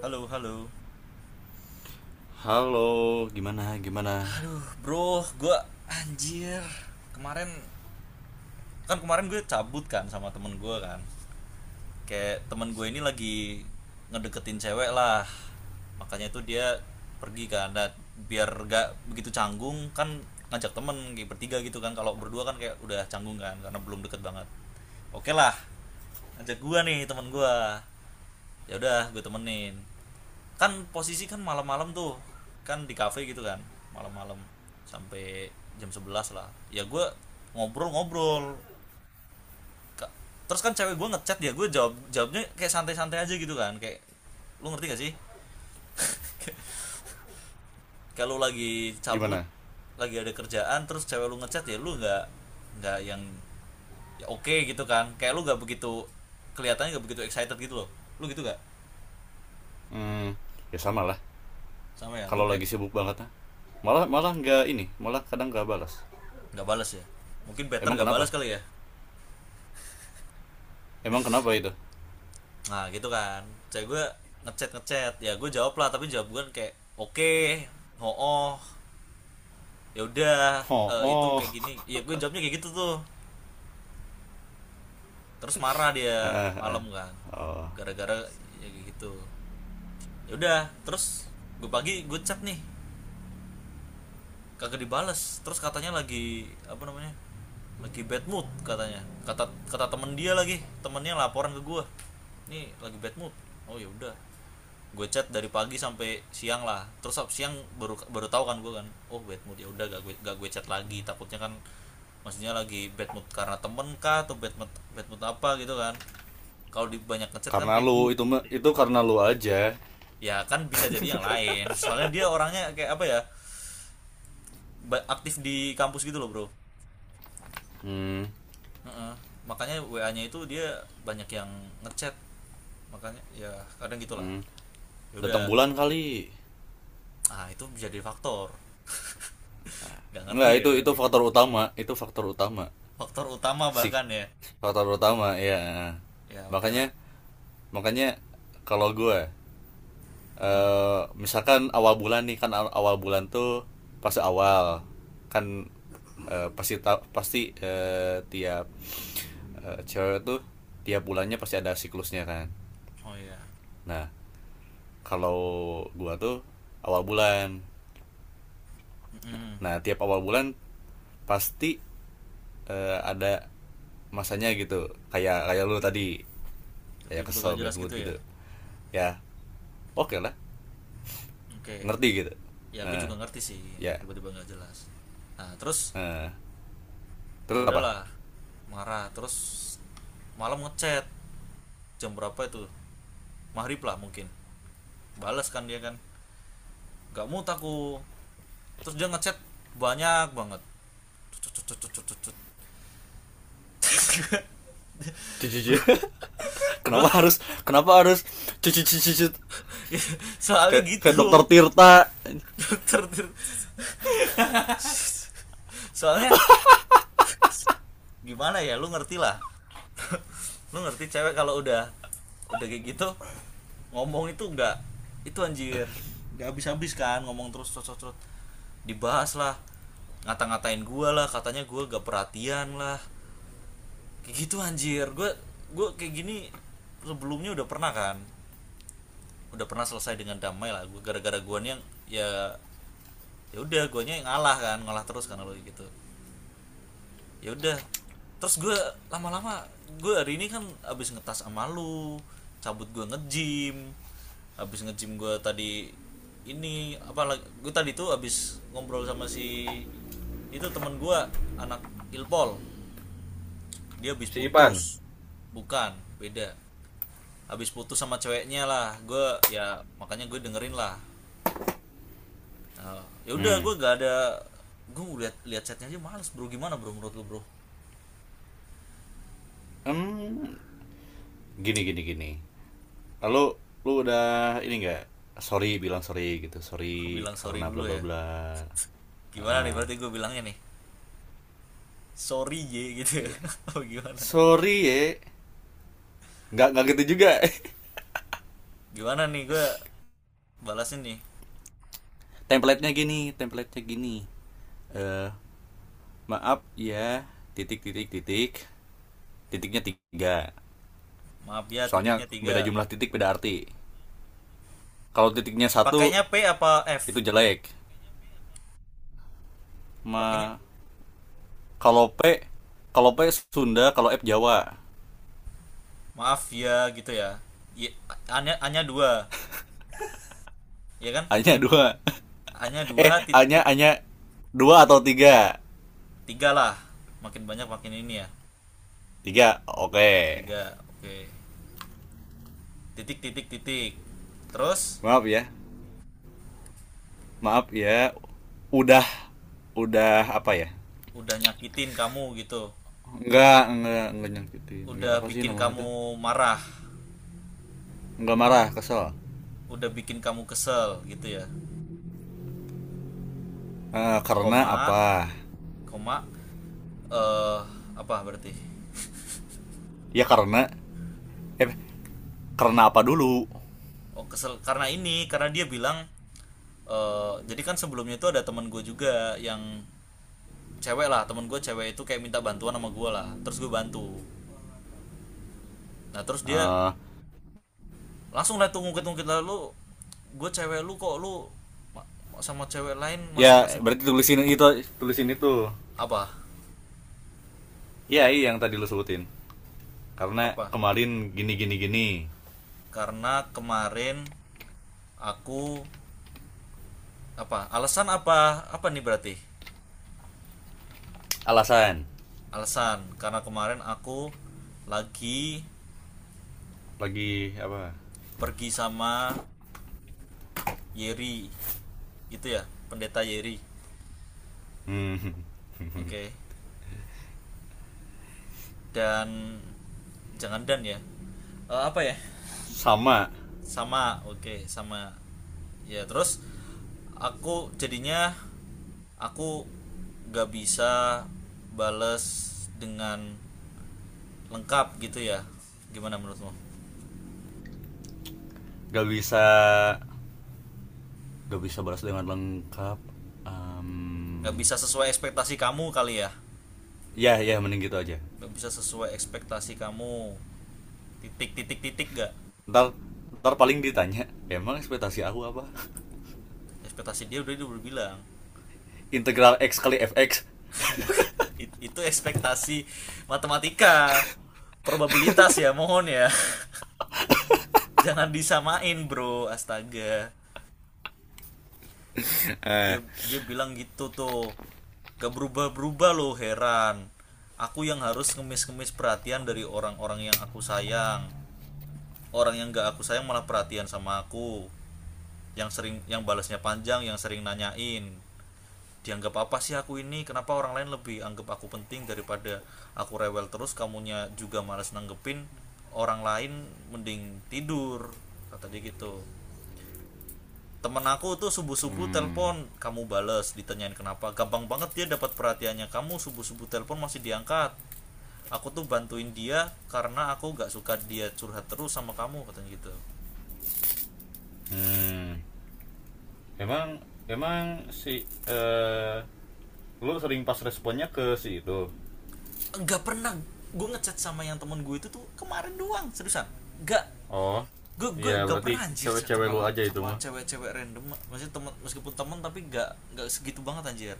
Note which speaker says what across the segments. Speaker 1: Halo, halo.
Speaker 2: Halo, gimana? Gimana?
Speaker 1: Aduh, bro, gue anjir. Kemarin kemarin gue cabut kan sama temen gue kan. Kayak temen gue ini lagi ngedeketin cewek lah. Makanya itu dia pergi kan. Nah, biar gak begitu canggung kan ngajak temen kayak bertiga gitu kan. Kalau berdua kan kayak udah canggung kan karena belum deket banget. Oke lah. Ngajak gue nih temen gue, ya udah gue temenin, kan posisi kan malam-malam tuh, kan di kafe gitu kan, malam-malam sampai jam 11 lah ya. Gue ngobrol-ngobrol terus kan cewek gue ngechat, ya gue jawab, jawabnya kayak santai-santai aja gitu kan. Kayak, lu ngerti gak sih, kalau lagi cabut,
Speaker 2: Gimana?
Speaker 1: lagi ada kerjaan terus cewek lu ngechat, ya lu nggak, nggak ya oke okay gitu kan, kayak lu nggak begitu, kelihatannya nggak begitu excited gitu loh. Lu gitu gak?
Speaker 2: Hmm, ya sama lah.
Speaker 1: Sama ya, lu
Speaker 2: Kalau
Speaker 1: kayak
Speaker 2: lagi sibuk banget, ah. malah malah nggak ini, malah kadang nggak balas.
Speaker 1: nggak balas ya, mungkin better
Speaker 2: Emang
Speaker 1: gak
Speaker 2: kenapa?
Speaker 1: balas kali ya.
Speaker 2: Emang kenapa itu?
Speaker 1: Nah gitu kan. Cewek gue ngechat ngechat, ya gue jawab lah, tapi jawab gue kan kayak oke, oh ya udah,
Speaker 2: Oh,
Speaker 1: eh, itu kayak
Speaker 2: oh,
Speaker 1: gini. Ya gue jawabnya kayak gitu tuh. Terus marah dia, malam kan. Gara-gara ya kayak gitu. Ya udah, terus gue pagi gue chat nih, kagak dibales. Terus katanya lagi apa namanya, lagi bad mood katanya, kata kata temen dia, lagi temennya laporan ke gue, nih lagi bad mood. Oh ya udah, gue chat dari pagi sampai siang lah. Terus siang baru, baru tahu kan gue kan, oh bad mood, ya udah gak gue, gak gue chat lagi, takutnya kan maksudnya lagi bad mood karena temen kah atau bad mood apa gitu kan. Kalau di banyak ngechat kan,
Speaker 2: karena lu itu karena lu aja.
Speaker 1: ya kan bisa jadi yang lain, soalnya dia orangnya kayak apa ya, aktif di kampus gitu loh bro.
Speaker 2: Hmm,
Speaker 1: Heeh. Makanya WA-nya itu dia banyak yang ngechat, makanya ya kadang gitulah.
Speaker 2: hmm.
Speaker 1: Ya udah,
Speaker 2: Datang bulan kali.
Speaker 1: ah itu bisa jadi faktor. Gak ngerti
Speaker 2: Nggak
Speaker 1: ya,
Speaker 2: itu
Speaker 1: tapi
Speaker 2: faktor utama, itu faktor utama.
Speaker 1: faktor utama
Speaker 2: Sih,
Speaker 1: bahkan ya.
Speaker 2: faktor utama ya.
Speaker 1: Ya oke lah.
Speaker 2: Makanya makanya kalau gue
Speaker 1: Gimana?
Speaker 2: misalkan awal bulan nih, kan awal bulan tuh pas awal, kan eh, pasti ta- pasti eh, tiap cewek tuh tiap bulannya pasti ada siklusnya kan.
Speaker 1: Oh iya.
Speaker 2: Nah, kalau gua tuh awal bulan.
Speaker 1: Mm-mm.
Speaker 2: Nah, tiap awal bulan pasti ada masanya gitu. Kayak kayak lu tadi kayak
Speaker 1: Tiba-tiba gak
Speaker 2: kesel bad
Speaker 1: jelas
Speaker 2: mood
Speaker 1: gitu ya.
Speaker 2: gitu. Ya, oke okay lah,
Speaker 1: Oke.
Speaker 2: ngerti gitu.
Speaker 1: Ya gue
Speaker 2: Eh,
Speaker 1: juga ngerti sih,
Speaker 2: ya.
Speaker 1: tiba-tiba gak jelas. Nah terus,
Speaker 2: Eh,
Speaker 1: ya
Speaker 2: terus apa?
Speaker 1: udahlah, marah. Terus malam ngechat, jam berapa itu, maghrib lah mungkin, balas kan dia kan, gak mood aku. Terus dia ngechat banyak banget. Cet, cet, cet, cet, cet, cet.
Speaker 2: Jujur.
Speaker 1: Gue
Speaker 2: kenapa harus kenapa harus cuci cuci cuci
Speaker 1: soalnya
Speaker 2: kayak kayak dokter
Speaker 1: gitu,
Speaker 2: Tirta.
Speaker 1: dokter. Soalnya gimana ya, lu ngerti lah. Lu ngerti cewek kalau udah kayak gitu ngomong itu enggak, itu anjir nggak habis habis kan ngomong, terus terus terus dibahas lah, ngata-ngatain gue lah, katanya gue gak perhatian lah, kayak gitu anjir. Gue kayak gini sebelumnya udah pernah kan, udah pernah selesai dengan damai lah. Gue gara-gara gua nih yang ya, ya udah guanya ngalah kan, ngalah terus karena lo gitu. Ya udah, terus gue lama-lama. Gue hari ini kan abis ngetas sama lu, cabut gue nge-gym. Abis nge-gym gue tadi, ini apa, gue tadi tuh abis ngobrol sama si itu, teman gue, anak ilpol, dia abis
Speaker 2: Si
Speaker 1: putus.
Speaker 2: Ipan.
Speaker 1: Bukan, beda, abis putus sama ceweknya lah. Gue ya makanya gue dengerin lah. Nah, ya udah
Speaker 2: Hmm.
Speaker 1: gue gak ada, gue lihat lihat chatnya aja males bro. Gimana bro, menurut lu bro?
Speaker 2: Hmm. Gini gini gini. Lalu lu udah ini enggak? Sorry, bilang sorry gitu.
Speaker 1: Aku
Speaker 2: Sorry
Speaker 1: bilang sorry
Speaker 2: karena bla
Speaker 1: dulu
Speaker 2: bla
Speaker 1: ya.
Speaker 2: bla.
Speaker 1: Gimana nih
Speaker 2: Heeh.
Speaker 1: berarti gue bilangnya nih? Sorry J gitu ya.
Speaker 2: Iya.
Speaker 1: Apa gimana?
Speaker 2: Sorry ya. Enggak gitu juga.
Speaker 1: Gimana nih gue balasnya nih?
Speaker 2: Template-nya gini eh uh, maaf ya titik titik titik, titiknya tiga,
Speaker 1: Maaf ya,
Speaker 2: soalnya
Speaker 1: titiknya tiga.
Speaker 2: beda jumlah titik beda arti. Kalau titiknya satu
Speaker 1: Pakainya P apa
Speaker 2: itu
Speaker 1: F?
Speaker 2: jelek.
Speaker 1: Pakainya
Speaker 2: Ma- Kalau P, kalau P Sunda, kalau F Jawa.
Speaker 1: maaf ya gitu ya. Ya, hanya hanya dua, ya kan?
Speaker 2: Hanya
Speaker 1: Ya,
Speaker 2: dua.
Speaker 1: hanya dua
Speaker 2: Eh,
Speaker 1: titik,
Speaker 2: hanya hanya dua atau tiga.
Speaker 1: tiga lah. Makin banyak makin ini ya.
Speaker 2: Tiga, oke.
Speaker 1: Ti-
Speaker 2: Okay.
Speaker 1: Tiga, oke. Titik titik titik. Terus,
Speaker 2: Maaf ya, maaf ya.
Speaker 1: uh,
Speaker 2: Udah, udah apa ya?
Speaker 1: udah nyakitin kamu gitu.
Speaker 2: Enggak nyakitin. Enggak,
Speaker 1: Udah
Speaker 2: apa sih
Speaker 1: bikin
Speaker 2: namanya tuh?
Speaker 1: kamu marah,
Speaker 2: Enggak marah, kesel.
Speaker 1: udah bikin kamu kesel gitu ya.
Speaker 2: Eh,
Speaker 1: Koma,
Speaker 2: karena apa?
Speaker 1: koma, eh apa berarti,
Speaker 2: Ya karena, eh, karena apa dulu?
Speaker 1: oh kesel karena ini, karena dia bilang, eh jadi kan sebelumnya itu ada teman gue juga yang cewek lah, teman gue cewek itu kayak minta bantuan sama gue lah, terus gue bantu. Nah terus dia
Speaker 2: Eh,
Speaker 1: langsung lah tuh ngungkit-ngungkit lah, lu gue cewek lu kok lu sama cewek lain masih
Speaker 2: ya
Speaker 1: ngasih
Speaker 2: berarti tulisin itu, tulisin itu.
Speaker 1: apa
Speaker 2: Ya, iya yang tadi lu sebutin. Karena
Speaker 1: apa.
Speaker 2: kemarin gini gini gini.
Speaker 1: Karena kemarin aku apa, alasan apa apa nih berarti,
Speaker 2: Alasan.
Speaker 1: alasan karena kemarin aku lagi
Speaker 2: Lagi apa.
Speaker 1: pergi sama Yeri, gitu ya, pendeta Yeri.
Speaker 2: Hmm.
Speaker 1: Oke. Okay. Dan, jangan dan ya. Eh, apa ya,
Speaker 2: Sama.
Speaker 1: sama, oke okay, sama. Ya terus aku jadinya, aku gak bisa bales dengan lengkap gitu ya, gimana menurutmu?
Speaker 2: Gak bisa, gak bisa balas dengan lengkap. Em,
Speaker 1: Gak bisa sesuai ekspektasi kamu kali ya.
Speaker 2: ya ya mending gitu aja.
Speaker 1: Gak bisa sesuai ekspektasi kamu, titik titik titik, gak?
Speaker 2: Ntar, ntar paling ditanya emang ekspektasi aku apa.
Speaker 1: Ekspektasi dia udah, dia udah bilang.
Speaker 2: Integral x kali fx.
Speaker 1: Itu ekspektasi matematika, probabilitas ya, mohon ya. Jangan disamain bro, astaga. Dia,
Speaker 2: eh
Speaker 1: dia bilang gitu tuh, gak berubah-berubah loh, heran. Aku yang harus ngemis-ngemis perhatian dari orang-orang yang aku sayang. Orang yang gak aku sayang malah perhatian sama aku. Yang sering, yang balasnya panjang, yang sering nanyain. Dianggap apa sih aku ini, kenapa orang lain lebih anggap aku penting daripada, aku rewel terus, kamunya juga malas nanggepin orang lain, mending tidur, kata dia gitu. Temen aku tuh subuh subuh
Speaker 2: Hmm.
Speaker 1: telepon kamu bales, ditanyain kenapa gampang banget dia dapat perhatiannya, kamu subuh subuh telepon masih diangkat. Aku tuh bantuin dia karena aku gak suka dia curhat terus sama kamu, katanya gitu.
Speaker 2: Hmm. Emang emang si lu sering pas responnya ke si itu.
Speaker 1: Nggak pernah gue ngechat sama yang temen gue itu tuh kemarin doang, seriusan nggak.
Speaker 2: Oh.
Speaker 1: Gue
Speaker 2: Iya,
Speaker 1: gak
Speaker 2: berarti
Speaker 1: pernah anjir
Speaker 2: cewek-cewek
Speaker 1: sama,
Speaker 2: lu aja itu
Speaker 1: sama
Speaker 2: mah.
Speaker 1: cewek-cewek random, masih teman, meskipun teman tapi gak segitu banget anjir.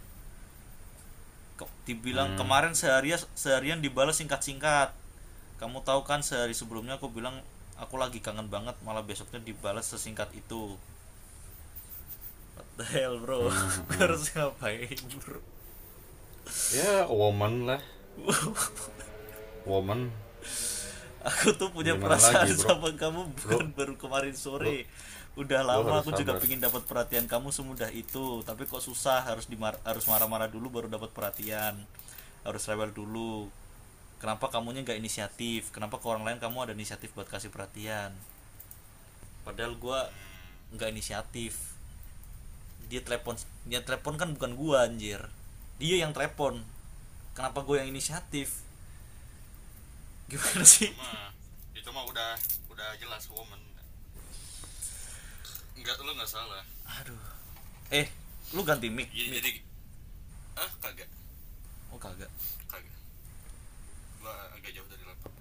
Speaker 1: Ke- dibilang
Speaker 2: Hmm.
Speaker 1: kemarin seharian seharian dibalas singkat-singkat. Kamu tahu kan sehari sebelumnya aku bilang aku lagi kangen banget, malah besoknya dibalas sesingkat itu. What the hell bro,
Speaker 2: Hmm, hmm,
Speaker 1: gue
Speaker 2: hmm.
Speaker 1: harus ngapain bro?
Speaker 2: Ya, woman lah. Woman,
Speaker 1: Aku tuh punya
Speaker 2: gimana lagi
Speaker 1: perasaan
Speaker 2: bro.
Speaker 1: sama kamu
Speaker 2: lu
Speaker 1: bukan baru kemarin
Speaker 2: lu
Speaker 1: sore. Udah
Speaker 2: lu
Speaker 1: lama
Speaker 2: harus
Speaker 1: aku juga
Speaker 2: sabar.
Speaker 1: pingin dapat perhatian kamu semudah itu, tapi kok susah, harus marah-marah dulu baru dapat perhatian. Harus rewel dulu. Kenapa kamunya nggak inisiatif? Kenapa ke orang lain kamu ada inisiatif buat kasih perhatian? Padahal gua nggak inisiatif. Dia telepon kan bukan gua anjir. Dia yang telepon. Kenapa gue yang inisiatif? Gimana
Speaker 2: Ya itu
Speaker 1: sih?
Speaker 2: mah, itu mah udah jelas woman. Nggak, lu nggak salah.
Speaker 1: Aduh, eh, lu ganti mic,
Speaker 2: jadi
Speaker 1: mic.
Speaker 2: jadi ah, kagak,
Speaker 1: Oh kagak.
Speaker 2: kagak. Gua agak jauh dari laptop.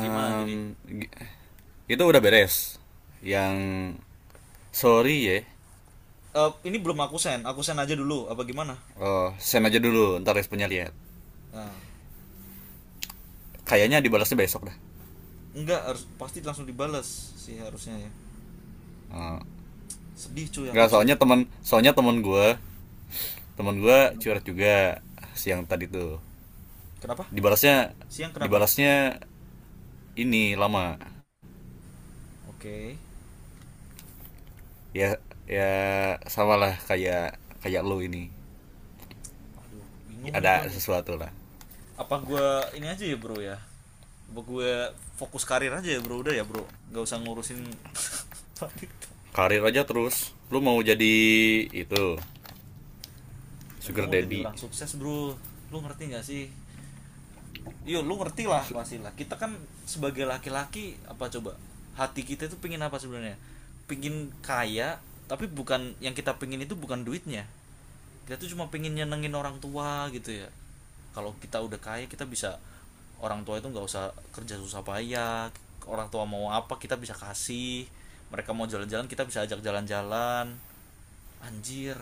Speaker 1: Gimana jadi?
Speaker 2: itu udah beres. Yang sorry ya.
Speaker 1: Eh, ini belum aku send, aku send aja dulu apa gimana.
Speaker 2: Oh, send aja dulu, ntar responnya lihat.
Speaker 1: Nah,
Speaker 2: Kayaknya dibalasnya besok dah.
Speaker 1: enggak harus pasti langsung dibales sih harusnya ya.
Speaker 2: Oh.
Speaker 1: Sedih cuy, aku
Speaker 2: Nggak,
Speaker 1: cuy.
Speaker 2: soalnya teman, soalnya teman gua
Speaker 1: Kenapa,
Speaker 2: curhat juga siang tadi tuh.
Speaker 1: kenapa
Speaker 2: Dibalasnya,
Speaker 1: siang, kenapa?
Speaker 2: dibalasnya ini lama.
Speaker 1: Oke.
Speaker 2: Ya ya, sama lah kayak kayak lu ini,
Speaker 1: Aduh bingung nih gua
Speaker 2: ada
Speaker 1: nih,
Speaker 2: sesuatu lah.
Speaker 1: apa gua, ini aja ya bro ya, apa gue fokus karir aja ya bro, udah ya bro nggak usah ngurusin wanita.
Speaker 2: Karir aja, terus lu mau jadi itu,
Speaker 1: Nah, gue
Speaker 2: sugar
Speaker 1: mau jadi
Speaker 2: daddy.
Speaker 1: orang sukses bro. Lu ngerti nggak sih? Yo lu ngerti lah pasti lah. Kita kan sebagai laki-laki apa coba, hati kita itu pingin apa sebenarnya? Pingin kaya, tapi bukan yang kita pingin itu bukan duitnya. Kita tuh cuma pingin nyenengin orang tua gitu ya. Kalau kita udah kaya, kita bisa, orang tua itu nggak usah kerja susah payah. Orang tua mau apa kita bisa kasih. Mereka mau jalan-jalan, kita bisa ajak jalan-jalan. Anjir.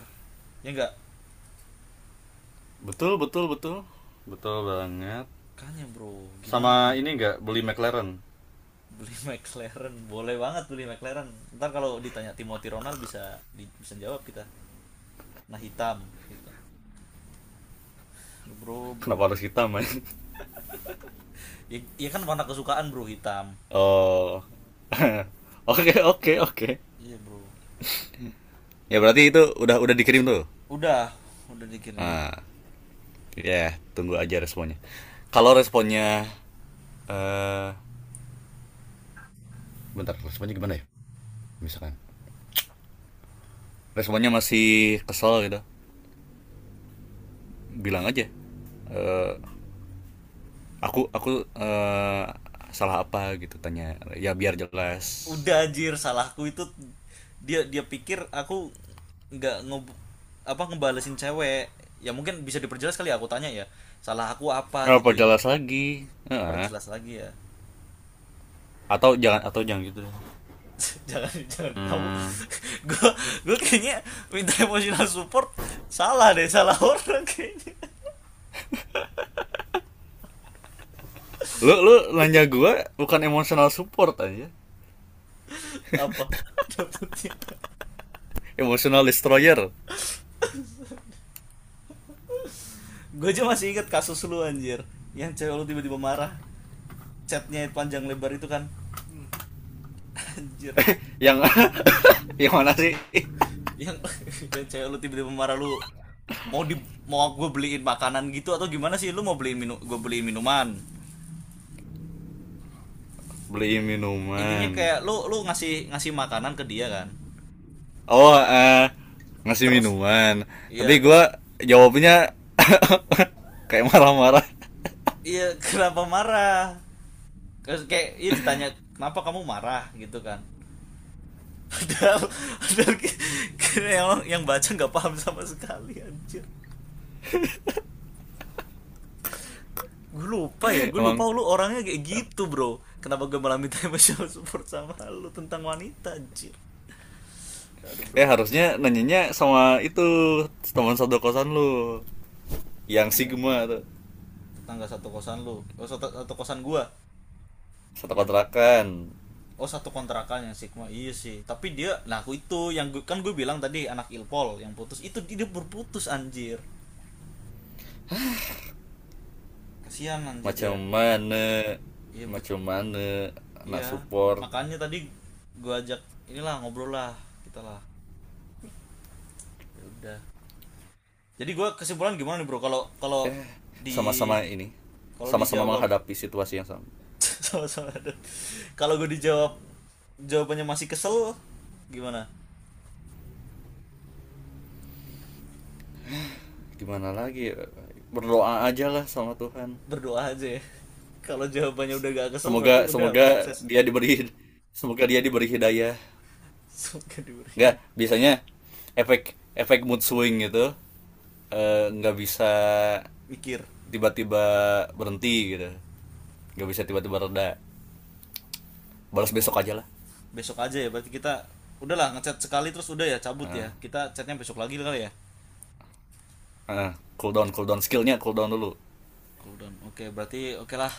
Speaker 1: Ya enggak?
Speaker 2: Betul betul betul, betul banget.
Speaker 1: Kayaknya bro, gimana nih?
Speaker 2: Sama ini, nggak beli McLaren.
Speaker 1: Beli McLaren, boleh banget beli McLaren. Ntar kalau ditanya Timothy Ronald bisa di- bisa jawab kita, nah hitam, gitu. Bro, bro,
Speaker 2: Kenapa harus hitam man?
Speaker 1: ya, ya kan warna kesukaan bro hitam,
Speaker 2: Oh.
Speaker 1: elit.
Speaker 2: Oke oke oke.
Speaker 1: Iya bro.
Speaker 2: Ya berarti itu udah dikirim tuh.
Speaker 1: udah udah dikirim.
Speaker 2: Nah, ya yeah, tunggu aja responnya. Kalau responnya eh bentar responnya gimana ya. Misalkan responnya masih kesel gitu, bilang aja aku salah apa gitu, tanya ya biar jelas.
Speaker 1: Udah anjir, salahku itu. Dia, dia pikir aku nggak nge, apa, ngebalesin cewek. Ya mungkin bisa diperjelas kali ya, aku tanya ya, salah aku apa gitu
Speaker 2: Apa
Speaker 1: ya.
Speaker 2: jelas lagi. Heeh.
Speaker 1: Perjelas lagi ya.
Speaker 2: Atau jangan, atau jangan gitu deh.
Speaker 1: Jangan, jangan di- kamu,
Speaker 2: Hmm.
Speaker 1: gue gue kayaknya minta emotional support, salah deh, salah orang kayaknya.
Speaker 2: Lu, lu nanya gua bukan emotional support aja,
Speaker 1: Apa dapetnya?
Speaker 2: emotional destroyer.
Speaker 1: Gue aja masih inget kasus lu anjir, yang cewek lu tiba-tiba marah, chatnya panjang lebar itu kan, anjir.
Speaker 2: Yang yang mana sih.
Speaker 1: Yang yang cewek lu tiba-tiba marah, lu mau di, mau gue beliin makanan gitu atau gimana sih, lu mau beliin minum, gue beliin minuman.
Speaker 2: Beli
Speaker 1: Intinya
Speaker 2: minuman.
Speaker 1: kayak lu, lu ngasih, ngasih makanan ke dia kan.
Speaker 2: Oh, ngasih
Speaker 1: Terus,
Speaker 2: minuman.
Speaker 1: iya
Speaker 2: Tapi
Speaker 1: terus,
Speaker 2: gua jawabnya kayak marah-marah.
Speaker 1: iya. Kenapa marah, kayak ya ditanya kenapa kamu marah gitu kan. Padahal, padahal yang baca nggak paham sama sekali anjir. Gue lupa ya, gue lupa
Speaker 2: Emang,
Speaker 1: lu orangnya kayak
Speaker 2: eh,
Speaker 1: gitu bro, kenapa gue malah minta emotional support sama lu tentang wanita anjir. Aduh
Speaker 2: Eh,
Speaker 1: bro.
Speaker 2: harusnya nanyanya sama itu, teman satu kosan lu yang
Speaker 1: Tetangga,
Speaker 2: Sigma tuh.
Speaker 1: tetangga satu kosan lu, oh satu, satu kosan gue,
Speaker 2: Satu
Speaker 1: yang,
Speaker 2: kontrakan.
Speaker 1: oh satu kontrakan yang Sigma, iya sih tapi dia, nah aku itu yang gua- kan gue bilang tadi anak Ilpol yang putus itu dia berputus anjir. Kasihan anjir dia.
Speaker 2: Macam mana?
Speaker 1: Iya bu.
Speaker 2: Macam mana? Anak
Speaker 1: Iya,
Speaker 2: support.
Speaker 1: makanya tadi gue ajak inilah, ngobrol lah kita lah. Ya udah. Jadi gue, kesimpulan gimana nih bro? Kalau kalau
Speaker 2: Eh,
Speaker 1: di,
Speaker 2: sama-sama ini.
Speaker 1: kalau
Speaker 2: Sama-sama
Speaker 1: dijawab,
Speaker 2: menghadapi situasi yang sama.
Speaker 1: sama-sama. Aduh. Kalau gue dijawab jawabannya masih kesel, gimana?
Speaker 2: Gimana lagi? Ya? Berdoa aja lah sama Tuhan.
Speaker 1: Berdoa aja ya. Kalau jawabannya udah gak kesel
Speaker 2: Semoga
Speaker 1: berarti udah
Speaker 2: semoga
Speaker 1: sukses.
Speaker 2: dia diberi, semoga dia diberi hidayah.
Speaker 1: Suka diberi.
Speaker 2: Enggak, biasanya efek, efek mood swing gitu, eh, nggak bisa
Speaker 1: Mikir.
Speaker 2: tiba-tiba berhenti gitu. Nggak bisa tiba-tiba reda. Balas besok
Speaker 1: Oh.
Speaker 2: aja lah.
Speaker 1: Besok aja ya berarti kita udahlah ngechat sekali terus udah ya, cabut
Speaker 2: Ah,
Speaker 1: ya. Kita chatnya besok lagi kali ya.
Speaker 2: ah, cool down, cool down skillnya, cool down dulu.
Speaker 1: Cool down. Oke, berarti oke lah,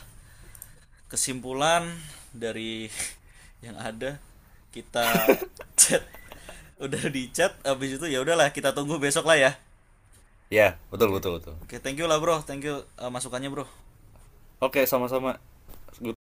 Speaker 1: kesimpulan dari yang ada, kita chat, udah di chat abis itu ya udahlah, kita tunggu besok lah ya.
Speaker 2: Ya yeah, betul
Speaker 1: Oke,
Speaker 2: betul betul.
Speaker 1: oke thank you lah bro, thank you eh, masukannya bro.
Speaker 2: Oke okay, sama-sama. Gue